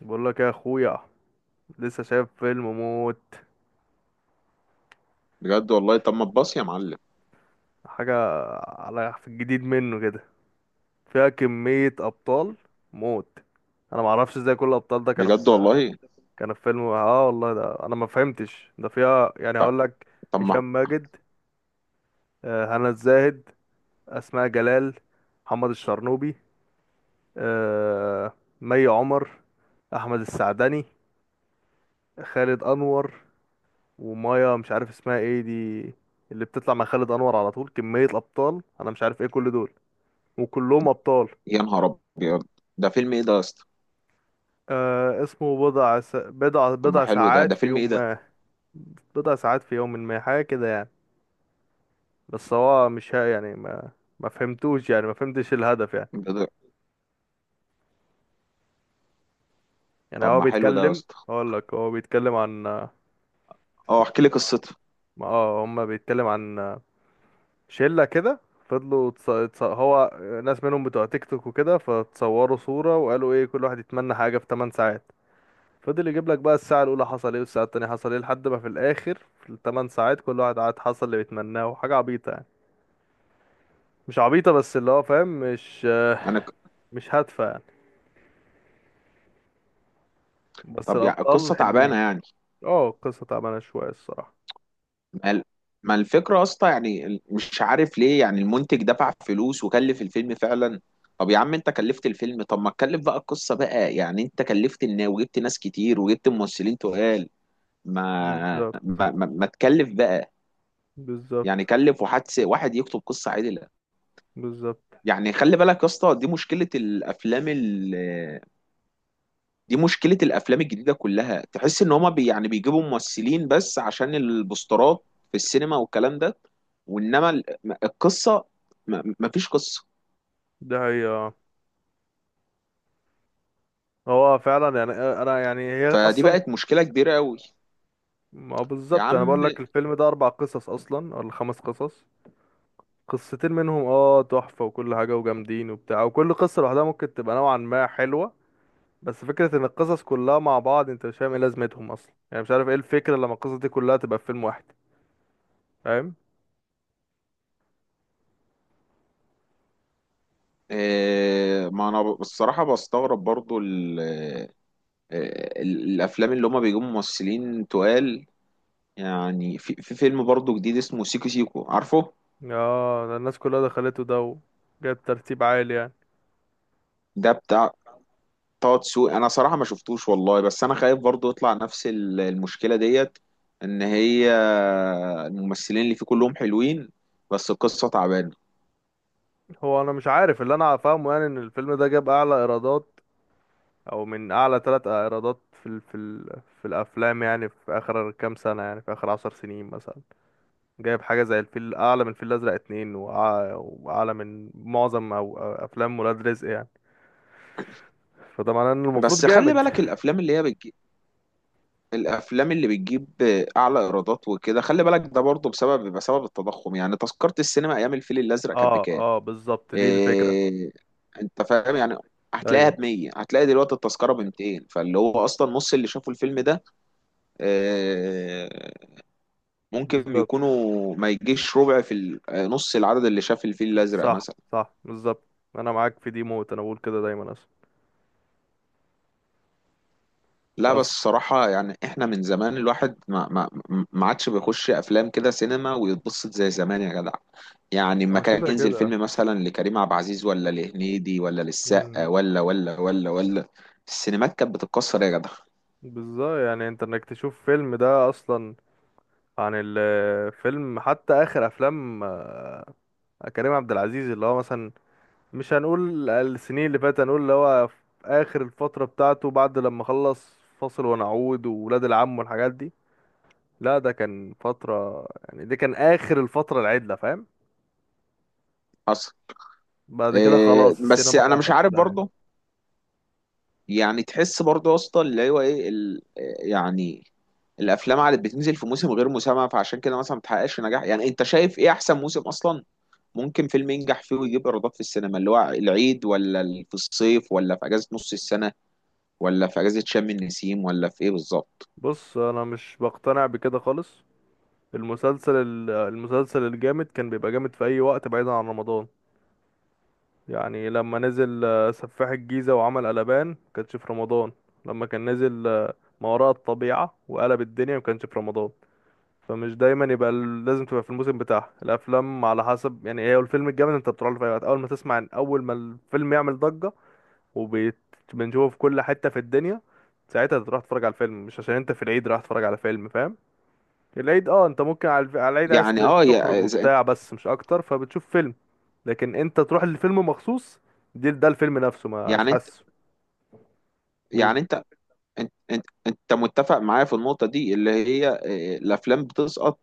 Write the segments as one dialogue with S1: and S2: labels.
S1: بقول لك يا اخويا لسه شايف فيلم موت
S2: بجد والله، طب ما تباص يا معلم.
S1: حاجه على في الجديد منه كده فيها كميه ابطال موت. انا ما اعرفش ازاي كل الابطال ده كانوا
S2: بجد
S1: في
S2: والله.
S1: كانوا في فيلم، اه والله ده انا ما فهمتش، ده فيها يعني
S2: ف-
S1: هقول لك:
S2: طب ما...
S1: هشام ماجد، هنا الزاهد، اسماء جلال، محمد الشرنوبي، آه، مي عمر، احمد السعدني، خالد انور، ومايا مش عارف اسمها ايه دي اللي بتطلع مع خالد انور على طول. كمية ابطال انا مش عارف ايه كل دول، وكلهم ابطال.
S2: يا نهار ابيض، ده فيلم ايه ده يا اسطى؟
S1: آه اسمه بضع س... بضع
S2: طب ما
S1: بضع
S2: حلو ده،
S1: ساعات
S2: ده
S1: في
S2: فيلم ايه
S1: يوم
S2: ده؟
S1: ما، بضع ساعات في يوم ما حاجة كده يعني. بس هو مش ها يعني ما فهمتوش، يعني ما فهمتش الهدف يعني.
S2: ده- ده-
S1: يعني
S2: طب
S1: هو
S2: ما حلو ده يا
S1: بيتكلم،
S2: اسطى.
S1: اقول لك هو بيتكلم عن
S2: اه احكي لي قصته.
S1: اه هما بيتكلم عن شلة كده فضلوا هو ناس منهم بتوع تيك توك وكده، فتصوروا صورة وقالوا ايه، كل واحد يتمنى حاجة في 8 ساعات. فضل يجيب لك بقى الساعة الأولى حصل ايه، والساعة التانية حصل ايه، لحد ما في الآخر في الثمان ساعات كل واحد قعد حصل اللي بيتمناه، وحاجة عبيطة يعني، مش عبيطة بس اللي هو فاهم، مش
S2: يعني ك-
S1: مش هادفة يعني، بس
S2: طب يعني
S1: الأبطال
S2: القصه تعبانه
S1: حلوين.
S2: يعني؟
S1: اه القصة تعبانة شوية الصراحة.
S2: ما ال- ما الفكره يا اسطى، يعني مش عارف ليه يعني المنتج دفع فلوس وكلف الفيلم فعلا. طب يا عم، انت كلفت الفيلم، طب ما تكلف بقى القصه بقى، يعني انت كلفت الناس وجبت ناس كتير وجبت ممثلين تقال.
S1: بالظبط،
S2: ما تكلف بقى. يعني
S1: بالظبط،
S2: كلف واحد واحد يكتب قصة عادلة.
S1: بالظبط.
S2: يعني خلي بالك يا اسطى، دي مشكلة الافلام دي مشكلة الافلام الجديدة كلها. تحس ان هما يعني بيجيبوا ممثلين بس عشان البوسترات في السينما والكلام ده. وانما القصة، مفيش قصة.
S1: ده هي. هو فعلا يعني أنا يعني هي
S2: فدي
S1: أصلا،
S2: بقت مشكلة كبيرة قوي
S1: ما هو
S2: يا
S1: بالظبط، أنا
S2: عم.
S1: بقول لك الفيلم ده أربع قصص أصلا ولا خمس قصص، قصتين منهم تحفة وكل حاجة وجامدين وبتاع، وكل قصة لوحدها ممكن تبقى نوعا ما حلوة، بس فكرة ان القصص كلها مع بعض انت مش فاهم ايه لازمتهم اصلا، يعني مش عارف ايه الفكرة لما القصص دي كلها تبقى في فيلم واحد، فاهم.
S2: ما انا بصراحة بستغرب برضو الافلام اللي هما بيجيبوا ممثلين تقال. يعني في فيلم برضو جديد اسمه سيكو سيكو، عارفه؟
S1: اه ده الناس كلها دخلته ده، وجاب ترتيب عالي يعني.
S2: ده بتاع طه دسوقي. انا صراحه ما شفتوش والله، بس انا خايف برضو يطلع نفس المشكله ديت. ان هي الممثلين اللي فيه كلهم حلوين، بس القصه تعبانه.
S1: هو انا مش عارف، اللي انا فاهمه يعني ان الفيلم ده جاب اعلى ايرادات، او من اعلى ثلاث ايرادات في الافلام يعني في اخر كام سنة، يعني في اخر عشر سنين مثلا، جايب حاجة زي الفيل، اعلى من الفيل الازرق اتنين، واعلى من معظم او افلام ولاد رزق يعني، فده معناه انه المفروض
S2: بس خلي
S1: جامد.
S2: بالك، الافلام اللي هي بتجيب، الافلام اللي بتجيب اعلى ايرادات وكده، خلي بالك ده برضو بسبب التضخم. يعني تذكره السينما ايام الفيل الازرق كانت
S1: اه
S2: بكام؟
S1: اه بالظبط دي الفكرة.
S2: إيه... انت فاهم يعني. هتلاقيها
S1: ايوه.
S2: ب 100، هتلاقي دلوقتي التذكره ب 200. فاللي هو اصلا نص اللي شافوا الفيلم ده، آه، ممكن
S1: بالظبط.
S2: يكونوا ما يجيش ربع نص العدد اللي شاف الفيل الأزرق
S1: صح،
S2: مثلا.
S1: صح بالظبط، انا معاك في دي موت، انا بقول كده دايما اصلا.
S2: لا
S1: بس
S2: بس الصراحة يعني احنا من زمان، الواحد ما ما عادش بيخش أفلام كده سينما ويتبسط زي زمان يا جدع. يعني لما
S1: هو
S2: كان
S1: كده
S2: ينزل
S1: كده.
S2: فيلم مثلا لكريم عبد العزيز ولا لهنيدي ولا
S1: مم.
S2: للسقا ولا السينمات كانت بتتكسر يا جدع.
S1: بالظبط، يعني انت انك تشوف فيلم ده اصلا، عن الفيلم حتى، اخر افلام كريم عبد العزيز اللي هو مثلا، مش هنقول السنين اللي فاتت، هنقول اللي هو في اخر الفترة بتاعته، بعد لما خلص فاصل ونعود وولاد العم والحاجات دي، لا ده كان فترة، يعني دي كان اخر الفترة العدلة فاهم.
S2: حصل.
S1: بعد كده خلاص
S2: بس
S1: السينما
S2: انا مش
S1: راحت في
S2: عارف
S1: داهية.
S2: برضه، يعني تحس برضه يا اسطى اللي هو ايه يعني الافلام عادة بتنزل في موسم غير مسمى، فعشان كده مثلا ما بتحققش نجاح. يعني انت شايف ايه احسن موسم اصلا ممكن فيلم ينجح فيه ويجيب ايرادات في السينما؟ اللي هو العيد، ولا في الصيف، ولا في اجازة نص السنة، ولا في اجازة شم النسيم، ولا في ايه بالظبط؟
S1: بص انا مش بقتنع بكده خالص، المسلسل الجامد كان بيبقى جامد في اي وقت بعيدا عن رمضان، يعني لما نزل سفاح الجيزة وعمل قلبان كانش في رمضان، لما كان نزل ما وراء الطبيعة وقلب الدنيا ما كانش في رمضان، فمش دايما يبقى لازم تبقى في الموسم بتاعها الافلام، على حسب يعني، هي الفيلم الجامد انت بتروح له في اي وقت، اول ما تسمع، اول ما الفيلم يعمل ضجة وبنشوفه في كل حتة في الدنيا ساعتها تروح تتفرج على الفيلم، مش عشان انت في العيد رايح تتفرج على فيلم فاهم. العيد انت ممكن على على العيد عايز
S2: يعني اه،
S1: تخرج
S2: يا إذا انت...
S1: وبتاع بس مش اكتر، فبتشوف فيلم، لكن انت تروح للفيلم مخصوص، دي ده الفيلم نفسه مش
S2: يعني انت
S1: حاسه. قول.
S2: يعني انت انت متفق معايا في النقطة دي، اللي هي الافلام بتسقط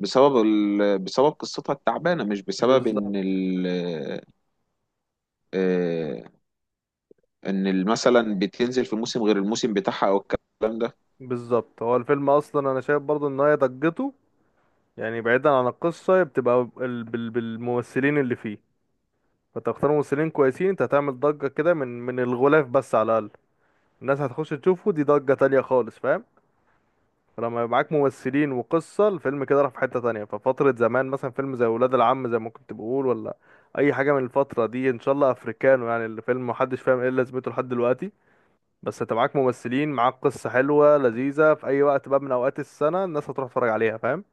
S2: بسبب بسبب قصتها التعبانة، مش بسبب ان
S1: بالظبط،
S2: ال... آه، ان ال- مثلا بتنزل في موسم غير الموسم بتاعها او الكلام ده.
S1: بالظبط، هو الفيلم اصلا انا شايف برضو ان هي ضجته، يعني بعيدا عن القصة، هي بتبقى بالممثلين اللي فيه، فتختار ممثلين كويسين انت هتعمل ضجة كده من الغلاف بس على الاقل، الناس هتخش تشوفه، دي ضجة تانية خالص فاهم. لما يبقى معاك ممثلين وقصة الفيلم كده راح في حتة تانية، ففترة زمان مثلا فيلم زي ولاد العم زي ما كنت بقول، ولا أي حاجة من الفترة دي، إن شاء الله أفريكانو، يعني الفيلم محدش فاهم إيه لازمته لحد دلوقتي، بس أنت معاك ممثلين، معاك قصة حلوة لذيذة، في أي وقت بقى من أوقات السنة الناس هتروح تتفرج عليها فاهم؟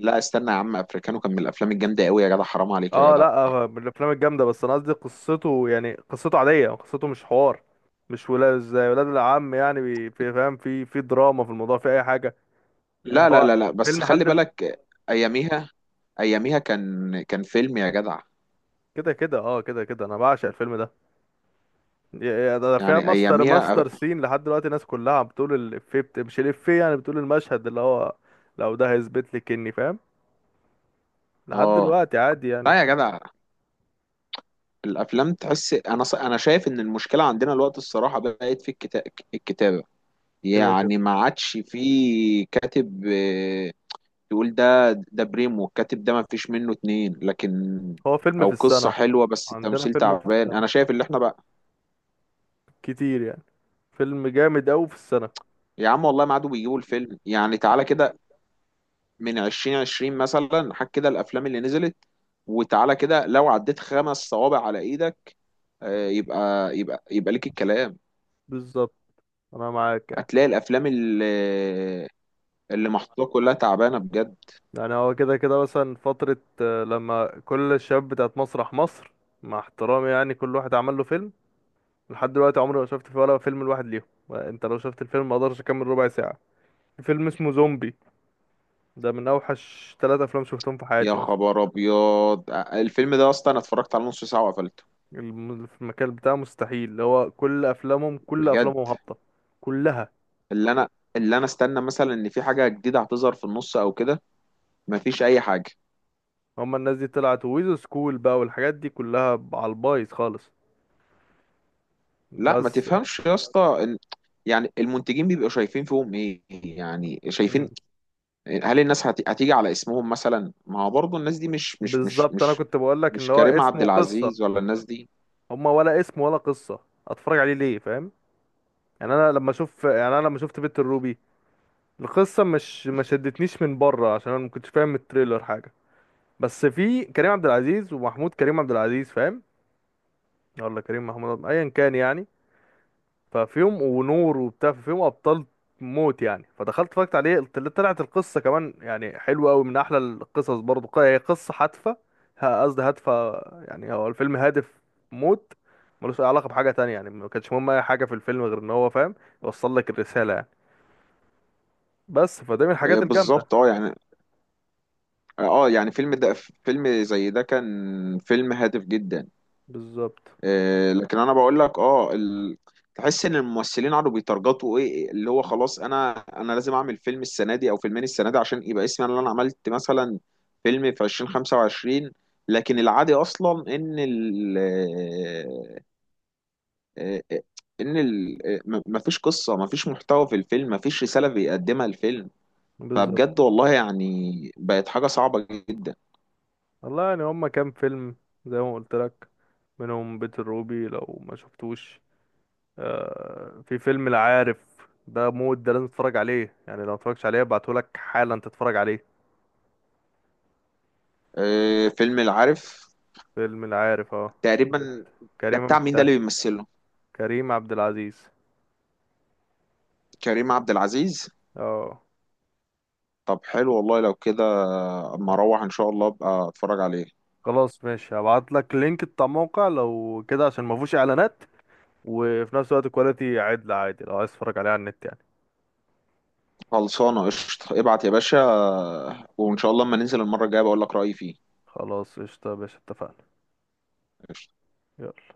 S2: لا استنى يا عم، افريكانو كان من الافلام الجامده قوي يا جدع. حرام عليك يا
S1: اه لا،
S2: جدع.
S1: من الأفلام الجامدة، بس أنا قصدي قصته، يعني قصته عادية، قصته مش حوار، مش ولا زي ولاد العم يعني، في فاهم، في دراما، في الموضوع، في أي حاجة، يعني
S2: لا لا
S1: هو
S2: لا لا، بس
S1: فيلم
S2: خلي بالك اياميها. اياميها كان فيلم يا جدع.
S1: كده كده، اه كده كده أنا بعشق الفيلم ده، يا ده فيها
S2: يعني
S1: ماستر
S2: اياميها.
S1: ماستر سين لحد دلوقتي الناس كلها عم بتقول الإفيه، مش الإفيه يعني، بتقول المشهد اللي هو، لو ده هيثبت لك إني فاهم لحد
S2: اه
S1: دلوقتي عادي يعني.
S2: لا يا جدع، الافلام تحس... انا انا شايف ان المشكله عندنا الوقت الصراحه بقت في الكتابه.
S1: كده كده
S2: يعني ما عادش في كاتب، تقول ده بريمو الكاتب ده، ما فيش منه اتنين. لكن
S1: هو فيلم
S2: او
S1: في
S2: قصة
S1: السنة،
S2: حلوة بس
S1: عندنا
S2: التمثيل
S1: فيلم في
S2: تعبان،
S1: السنة
S2: انا شايف اللي احنا بقى.
S1: كتير يعني، فيلم جامد أوي في السنة.
S2: يا عم والله ما عادوا بيجيبوا الفيلم. يعني تعالى كده من عشرين عشرين مثلا، حك كده الافلام اللي نزلت، وتعالى كده لو عديت خمس صوابع على ايدك، يبقى يبقى ليك الكلام.
S1: بالظبط أنا معاك يعني.
S2: هتلاقي الافلام اللي محطوطه كلها تعبانه بجد.
S1: يعني هو كده كده، مثلا فترة لما كل الشباب بتاعت مسرح مصر، مع احترامي يعني، كل واحد عمل له فيلم، لحد دلوقتي عمري ما شفت فيه ولا فيلم لواحد ليهم، يعني انت لو شفت الفيلم ما اقدرش اكمل ربع ساعة، في فيلم اسمه زومبي، ده من اوحش ثلاثة افلام شفتهم في
S2: يا
S1: حياتي مثلا،
S2: خبر ابيض، الفيلم ده اصلا انا اتفرجت على نص ساعه وقفلته
S1: في المكان بتاعه مستحيل، اللي هو كل افلامهم، كل
S2: بجد.
S1: افلامهم هابطة، كلها.
S2: اللي انا اللي انا استنى مثلا ان في حاجه جديده هتظهر في النص او كده، مفيش اي حاجه.
S1: هما الناس دي طلعت ويز سكول بقى والحاجات دي كلها على البايظ خالص.
S2: لا ما
S1: بس.
S2: تفهمش يا اسطى، يعني المنتجين بيبقوا شايفين فيهم ايه؟ يعني شايفين
S1: مم.
S2: هل الناس هتيجي على اسمهم مثلا؟ ما هو برضه الناس دي
S1: بالظبط، انا كنت بقول لك
S2: مش
S1: ان هو
S2: كريم عبد
S1: اسمه قصة،
S2: العزيز ولا الناس دي.
S1: هما ولا اسم ولا قصة، اتفرج عليه ليه فاهم، يعني انا لما اشوف، يعني انا لما شفت بيت الروبي، القصة مش ما شدتنيش من بره عشان انا ما كنتش فاهم من التريلر حاجة، بس في كريم عبد العزيز ومحمود كريم عبد العزيز فاهم، ولا كريم محمود عبد- ايا كان يعني، ففيهم ونور وبتاع، فيهم ابطال موت يعني، فدخلت اتفرجت عليه، طلعت القصه كمان يعني حلوه قوي، من احلى القصص برضو، هي قصه هادفه، قصدي هادفه، يعني هو الفيلم هادف موت، ملوش اي علاقه بحاجه تانية يعني، ما كانش مهم اي حاجه في الفيلم غير ان هو فاهم يوصل لك الرساله يعني، بس فده من الحاجات الجامده.
S2: بالظبط، اه يعني، اه يعني فيلم ده، فيلم زي ده كان فيلم هادف جدا.
S1: بالظبط،
S2: لكن انا بقول لك، اه تحس ان الممثلين قعدوا بيترجطوا، ايه اللي هو خلاص، انا لازم اعمل فيلم السنه دي او فيلمين السنه دي عشان يبقى اسمي انا اللي انا عملت مثلا فيلم في 2025. لكن العادي اصلا ان ال آه، آه، ان ال ما فيش قصه، ما فيش محتوى في الفيلم، ما فيش رساله بيقدمها الفيلم.
S1: بالظبط.
S2: فبجد والله يعني، بقت حاجه صعبه جدا.
S1: والله يعني هما كام فيلم زي ما قلت لك، منهم بيت الروبي لو ما شفتوش، في فيلم العارف، ده مود، ده لازم تتفرج عليه يعني، لو متفرجتش عليه ابعتهولك حالا تتفرج عليه.
S2: فيلم العارف
S1: فيلم العارف اه. بت-
S2: تقريبا. ده
S1: كريم
S2: بتاع مين ده
S1: بتاع،
S2: اللي بيمثله؟
S1: كريم عبد العزيز
S2: كريم عبد العزيز.
S1: اه.
S2: طب حلو والله لو كده، اما اروح ان شاء الله ابقى اتفرج عليه.
S1: خلاص ماشي، هبعتلك لينك بتاع موقع لو كده عشان ما فيهوش اعلانات، وفي نفس الوقت كواليتي عدل عادي، لو عايز تتفرج عليه على النت يعني.
S2: خلصانه قشطه، ابعت يا باشا، وان شاء الله اما ننزل المره الجايه بقول لك رايي فيه.
S1: خلاص قشطة يا باشا اتفقنا.
S2: قشطة.
S1: يلا.